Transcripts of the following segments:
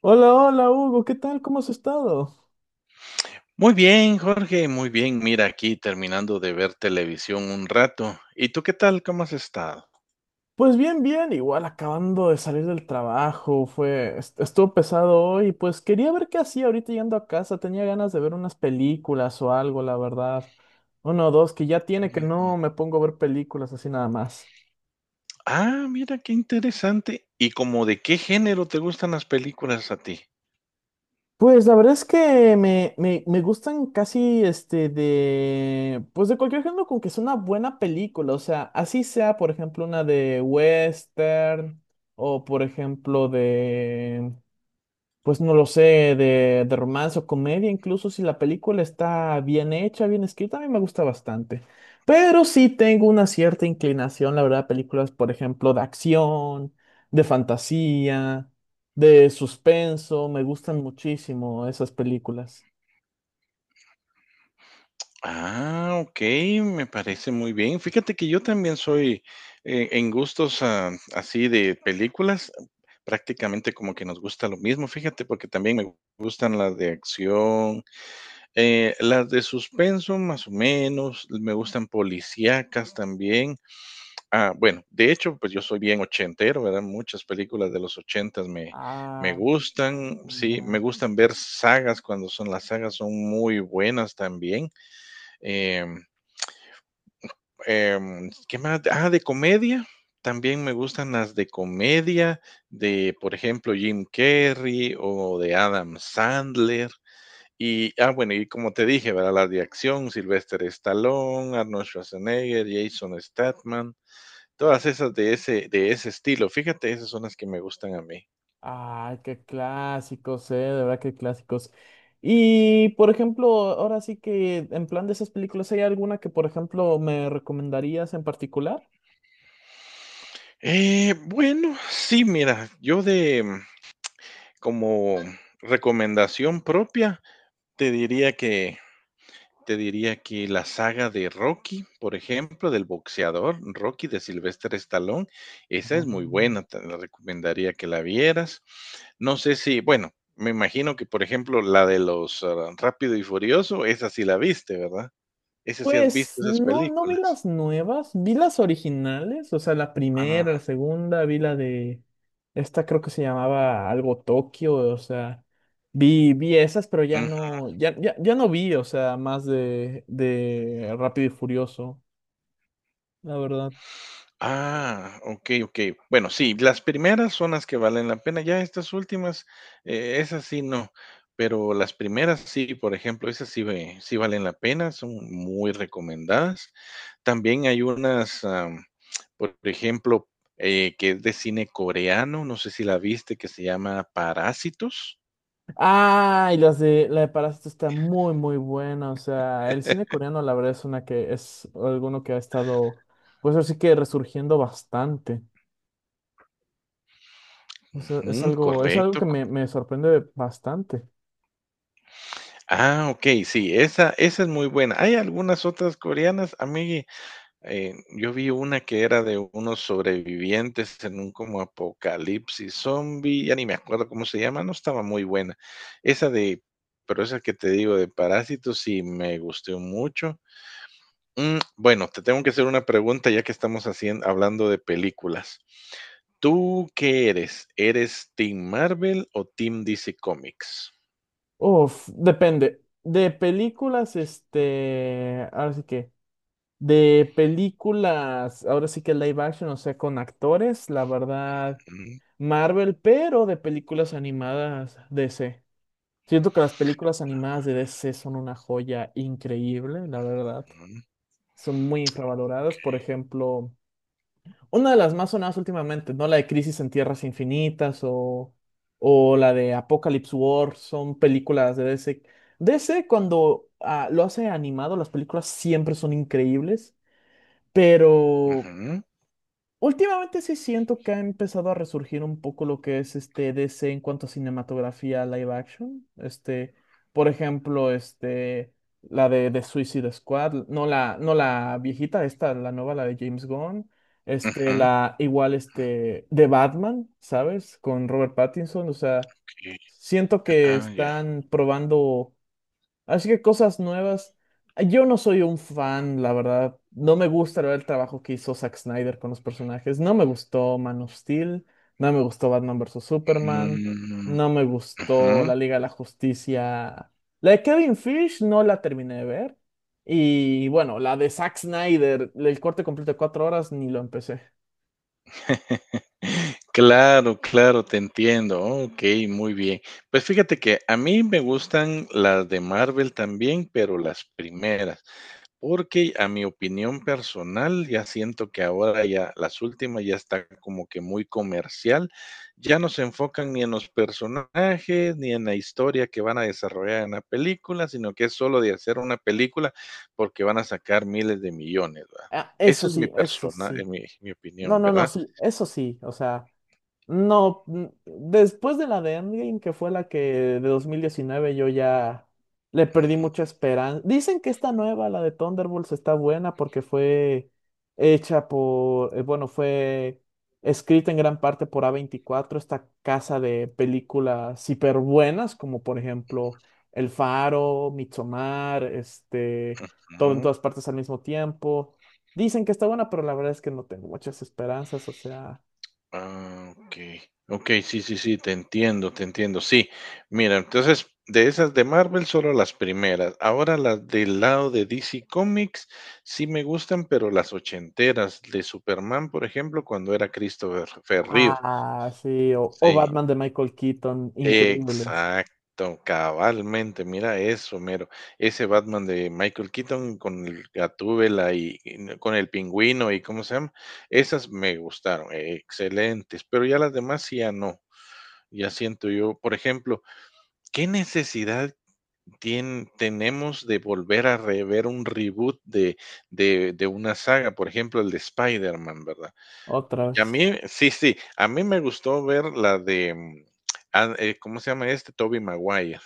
Hola, hola Hugo, ¿qué tal? ¿Cómo has estado? Muy bien, Jorge, muy bien. Mira, aquí terminando de ver televisión un rato. ¿Y tú qué tal? ¿Cómo has estado? Pues bien, bien, igual acabando de salir del trabajo, estuvo pesado hoy, pues quería ver qué hacía ahorita llegando a casa, tenía ganas de ver unas películas o algo, la verdad. Uno o dos, que ya tiene que Ujú. no me pongo a ver películas así nada más. Ah, mira, qué interesante. ¿Y como de qué género te gustan las películas a ti? Pues la verdad es que me gustan casi este de, pues de cualquier género con que sea una buena película, o sea, así sea, por ejemplo, una de western o por ejemplo de, pues no lo sé, de romance o comedia, incluso si la película está bien hecha, bien escrita, a mí me gusta bastante. Pero sí tengo una cierta inclinación, la verdad, a películas, por ejemplo, de acción, de fantasía, de suspenso, me gustan muchísimo esas películas. Ah, ok, me parece muy bien. Fíjate que yo también soy en gustos así de películas, prácticamente como que nos gusta lo mismo, fíjate, porque también me gustan las de acción. Las de suspenso, más o menos, me gustan policíacas también. Ah, bueno, de hecho, pues yo soy bien ochentero, ¿verdad? Muchas películas de los ochentas me Ah, gustan, sí, me genial. gustan ver sagas. Cuando son las sagas, son muy buenas también. Em, ¿Qué más? Ah, de comedia. También me gustan las de comedia, de, por ejemplo, Jim Carrey o de Adam Sandler. Y, bueno, y como te dije, ¿verdad? La de acción, Sylvester Stallone, Arnold Schwarzenegger, Jason Statham, todas esas de ese estilo. Fíjate, esas son las que me gustan a mí. Ay, qué clásicos, de verdad, qué clásicos. Y, por ejemplo, ahora sí que en plan de esas películas, ¿hay alguna que, por ejemplo, me recomendarías en particular? Bueno, sí, mira, yo de como recomendación propia, te diría que te diría que la saga de Rocky, por ejemplo, del boxeador Rocky de Sylvester Stallone. Esa Ah, es muy buena, te la recomendaría que la vieras. No sé si, bueno, me imagino que, por ejemplo, la de los, Rápido y Furioso, esa sí la viste, ¿verdad? Esa sí has pues visto esas no, no vi películas. las nuevas, vi las originales, o sea, la Ah. primera, la segunda, vi la de, esta creo que se llamaba algo Tokio, o sea, vi esas, pero ya no, ya, ya, ya no vi, o sea, más de Rápido y Furioso, la verdad. Ah, okey, okey. Bueno, sí, las primeras son las que valen la pena, ya estas últimas, esas sí no, pero las primeras sí. Por ejemplo, esas sí valen la pena, son muy recomendadas. También hay unas, por ejemplo, que es de cine coreano, no sé si la viste, que se llama Parásitos. Ah, y las de la de Parásito está muy, muy buena, o sea, el cine coreano la verdad es una que es alguno que ha estado, pues así que resurgiendo bastante. Ujú, Es algo correcto. que me sorprende bastante. Ah, okey, sí, esa es muy buena. Hay algunas otras coreanas, a mí. Yo vi una que era de unos sobrevivientes en un como apocalipsis zombie, ya ni me acuerdo cómo se llama, no estaba muy buena. Esa de, pero esa que te digo de Parásitos sí me gustó mucho. Bueno, te tengo que hacer una pregunta ya que estamos hablando de películas. ¿Tú qué eres? ¿Eres Team Marvel o Team DC Comics? Uf, depende. De películas, este, ahora sí que, de películas, ahora sí que live action, o sea, con actores, la verdad, Mm, Marvel, pero de películas animadas DC. Siento que las películas animadas de DC son una joya increíble, la verdad. mm, Son muy infravaloradas. Por ejemplo, una de las más sonadas últimamente, ¿no? La de Crisis en Tierras Infinitas o la de Apocalypse War, son películas de DC. DC cuando lo hace animado, las películas siempre son increíbles, pero ujú, últimamente sí siento que ha empezado a resurgir un poco lo que es este DC en cuanto a cinematografía live action. Este, por ejemplo, este, la de Suicide Squad, no la viejita, esta, la nueva, la de James Gunn. Este, ujú, la igual este de Batman, ¿sabes? Con Robert Pattinson. O sea, ok. siento que Ah, ya. están probando. Así que cosas nuevas. Yo no soy un fan, la verdad. No me gusta el trabajo que hizo Zack Snyder con los personajes. No me gustó Man of Steel. No me gustó Batman vs. Superman. Mm, No me gustó ujú. La Liga de la Justicia. La de Kevin Fish no la terminé de ver. Y bueno, la de Zack Snyder, el corte completo de 4 horas, ni lo empecé. Claro, claro, te entiendo. Ok, muy bien. Pues fíjate que a mí me gustan las de Marvel también, pero las primeras, porque a mi opinión personal ya siento que ahora ya las últimas ya está como que muy comercial, ya no se enfocan ni en los personajes ni en la historia que van a desarrollar en la película, sino que es solo de hacer una película porque van a sacar miles de millones, ¿verdad? Ah, Esa eso es mi sí, eso persona, sí. mi No, opinión, no, no, ¿verdad? sí, eso sí. O sea. No, después de la de Endgame, que fue la que de 2019 yo ya le perdí mucha esperanza. Dicen que esta nueva, la de Thunderbolts, está buena porque fue hecha por, bueno, fue escrita en gran parte por A24, esta casa de películas hiper buenas, como por ejemplo El Faro, Midsommar, este, todo en Ujú. todas partes al mismo tiempo. Dicen que está buena, pero la verdad es que no tengo muchas esperanzas, o sea... Ah, ok. Ok, sí, sí, sí, te entiendo, te entiendo. Sí, mira, entonces de esas de Marvel solo las primeras. Ahora las del lado de DC Comics sí me gustan, pero las ochenteras de Superman, por ejemplo, cuando era Christopher Reeve. Ah, sí, o Sí, Batman de Michael Keaton, increíbles. exacto, cabalmente. Mira eso, mero. Ese Batman de Michael Keaton con el Gatúbela y con el pingüino y cómo se llama. Esas me gustaron, excelentes, pero ya las demás sí ya no. Ya siento yo, por ejemplo, ¿qué necesidad tenemos de volver a rever un reboot de, una saga? Por ejemplo, el de Spider-Man, ¿verdad? Otra Y a vez. mí, sí, sí, a mí me gustó ver la de, ¿cómo se llama este? Tobey Maguire.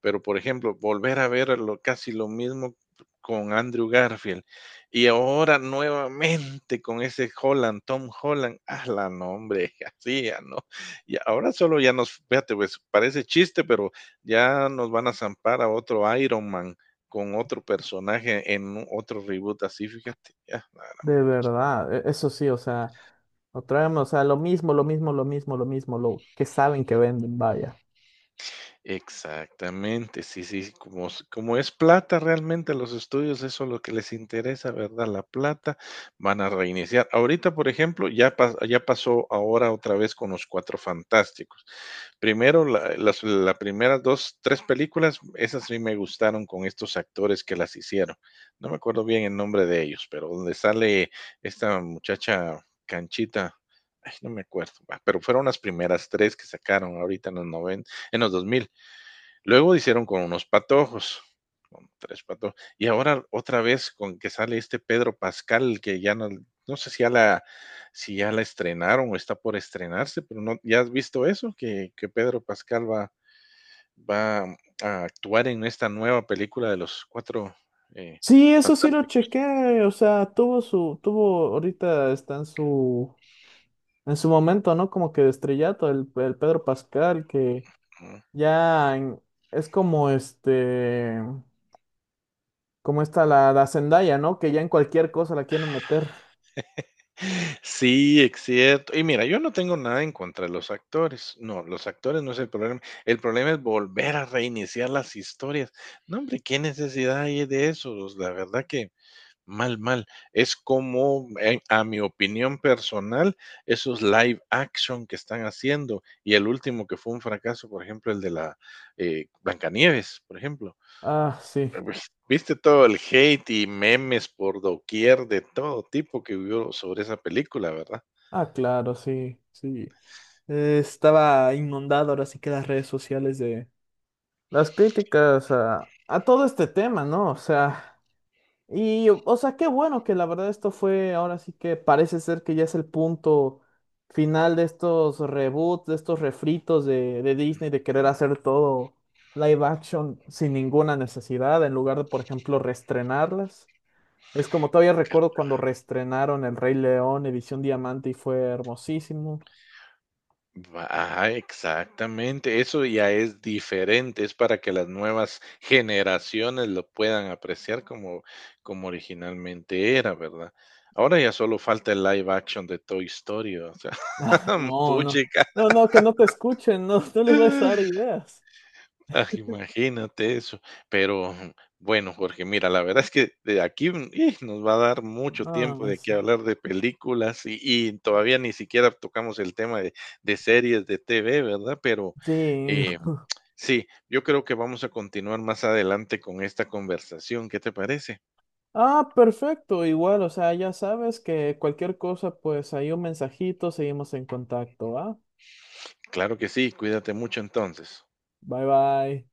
Pero, por ejemplo, volver a ver casi lo mismo con Andrew Garfield y ahora nuevamente con ese Holland, Tom Holland, la nombre, así ya no. Y ahora solo ya nos, fíjate, pues parece chiste, pero ya nos van a zampar a otro Iron Man con otro personaje en otro reboot así, fíjate, ya, la gran De pucha. verdad, e- eso sí, o sea, otra vez, o sea, lo mismo, lo mismo, lo mismo, lo mismo, lo que saben que venden, vaya. Exactamente, sí, sí, sí, como es plata realmente los estudios, eso es lo que les interesa, ¿verdad? La plata, van a reiniciar. Ahorita, por ejemplo, ya pasó ahora otra vez con los Cuatro Fantásticos. Primero, la- las la primeras dos, tres películas, esas sí me gustaron con estos actores que las hicieron. No me acuerdo bien el nombre de ellos, pero donde sale esta muchacha canchita. Ay, no me acuerdo, va, pero fueron las primeras tres que sacaron ahorita en los noventa, en los 2000. Luego hicieron con unos patojos, con tres patojos, y ahora otra vez con que sale este Pedro Pascal, que ya no. No sé si si ya la estrenaron o está por estrenarse, pero no, ¿ya has visto eso? Que Pedro Pascal va, a actuar en esta nueva película de los cuatro eh, Sí, eso sí lo fantásticos. chequé, o sea, ahorita está en su momento, ¿no? Como que de estrellato, el Pedro Pascal, que ¿No? ya en-, es como este, como está la, la Zendaya, ¿no? Que ya en cualquier cosa la quieren meter. Sí, ex cierto. Y mira, yo no tengo nada en contra de los actores. No, los actores no es el problema. El problema es volver a reiniciar las historias. No, hombre, qué necesidad hay de eso. O sea, la verdad que mal, mal. Es como, a mi opinión personal, esos live action que están haciendo. Y el último que fue un fracaso, por ejemplo, el de la Blancanieves, por ejemplo. Ah, sí. Pues, viste todo el hate y memes por doquier de todo tipo que hubo sobre esa película, ¿verdad? Ah, claro, sí, sí. Estaba inundado ahora sí que las redes sociales de las críticas a todo este tema, ¿no? O sea, y, o sea, qué bueno que la verdad esto fue, ahora sí que parece ser que ya es el punto final de estos reboots, de estos refritos de, Disney, de querer Mm, hacer todo live action sin ninguna necesidad, en lugar de, por ejemplo, reestrenarlas. Es como todavía que recuerdo cuando reestrenaron El Rey León, edición diamante, y fue hermosísimo. va, ajá, exactamente. Eso ya es diferente, es para que las nuevas generaciones lo puedan apreciar como originalmente era, ¿verdad? Ahora ya solo falta el live action de Toy Story, o sea, No, no, puchica. no, no, que no te escuchen, no, no les vayas a dar ideas. Ah, imagínate eso. Pero bueno, Jorge, mira, la verdad es que de aquí nos va a dar mucho tiempo No, de es- qué hablar de películas, y todavía ni siquiera tocamos el tema de series de TV, ¿verdad? Pero sí. eh, sí, yo creo que vamos a continuar más adelante con esta conversación. ¿Qué te parece? Ah, perfecto, igual, o sea, ya sabes que cualquier cosa, pues ahí un mensajito, seguimos en contacto, ¿va? Claro que sí, cuídate mucho entonces. Bye bye.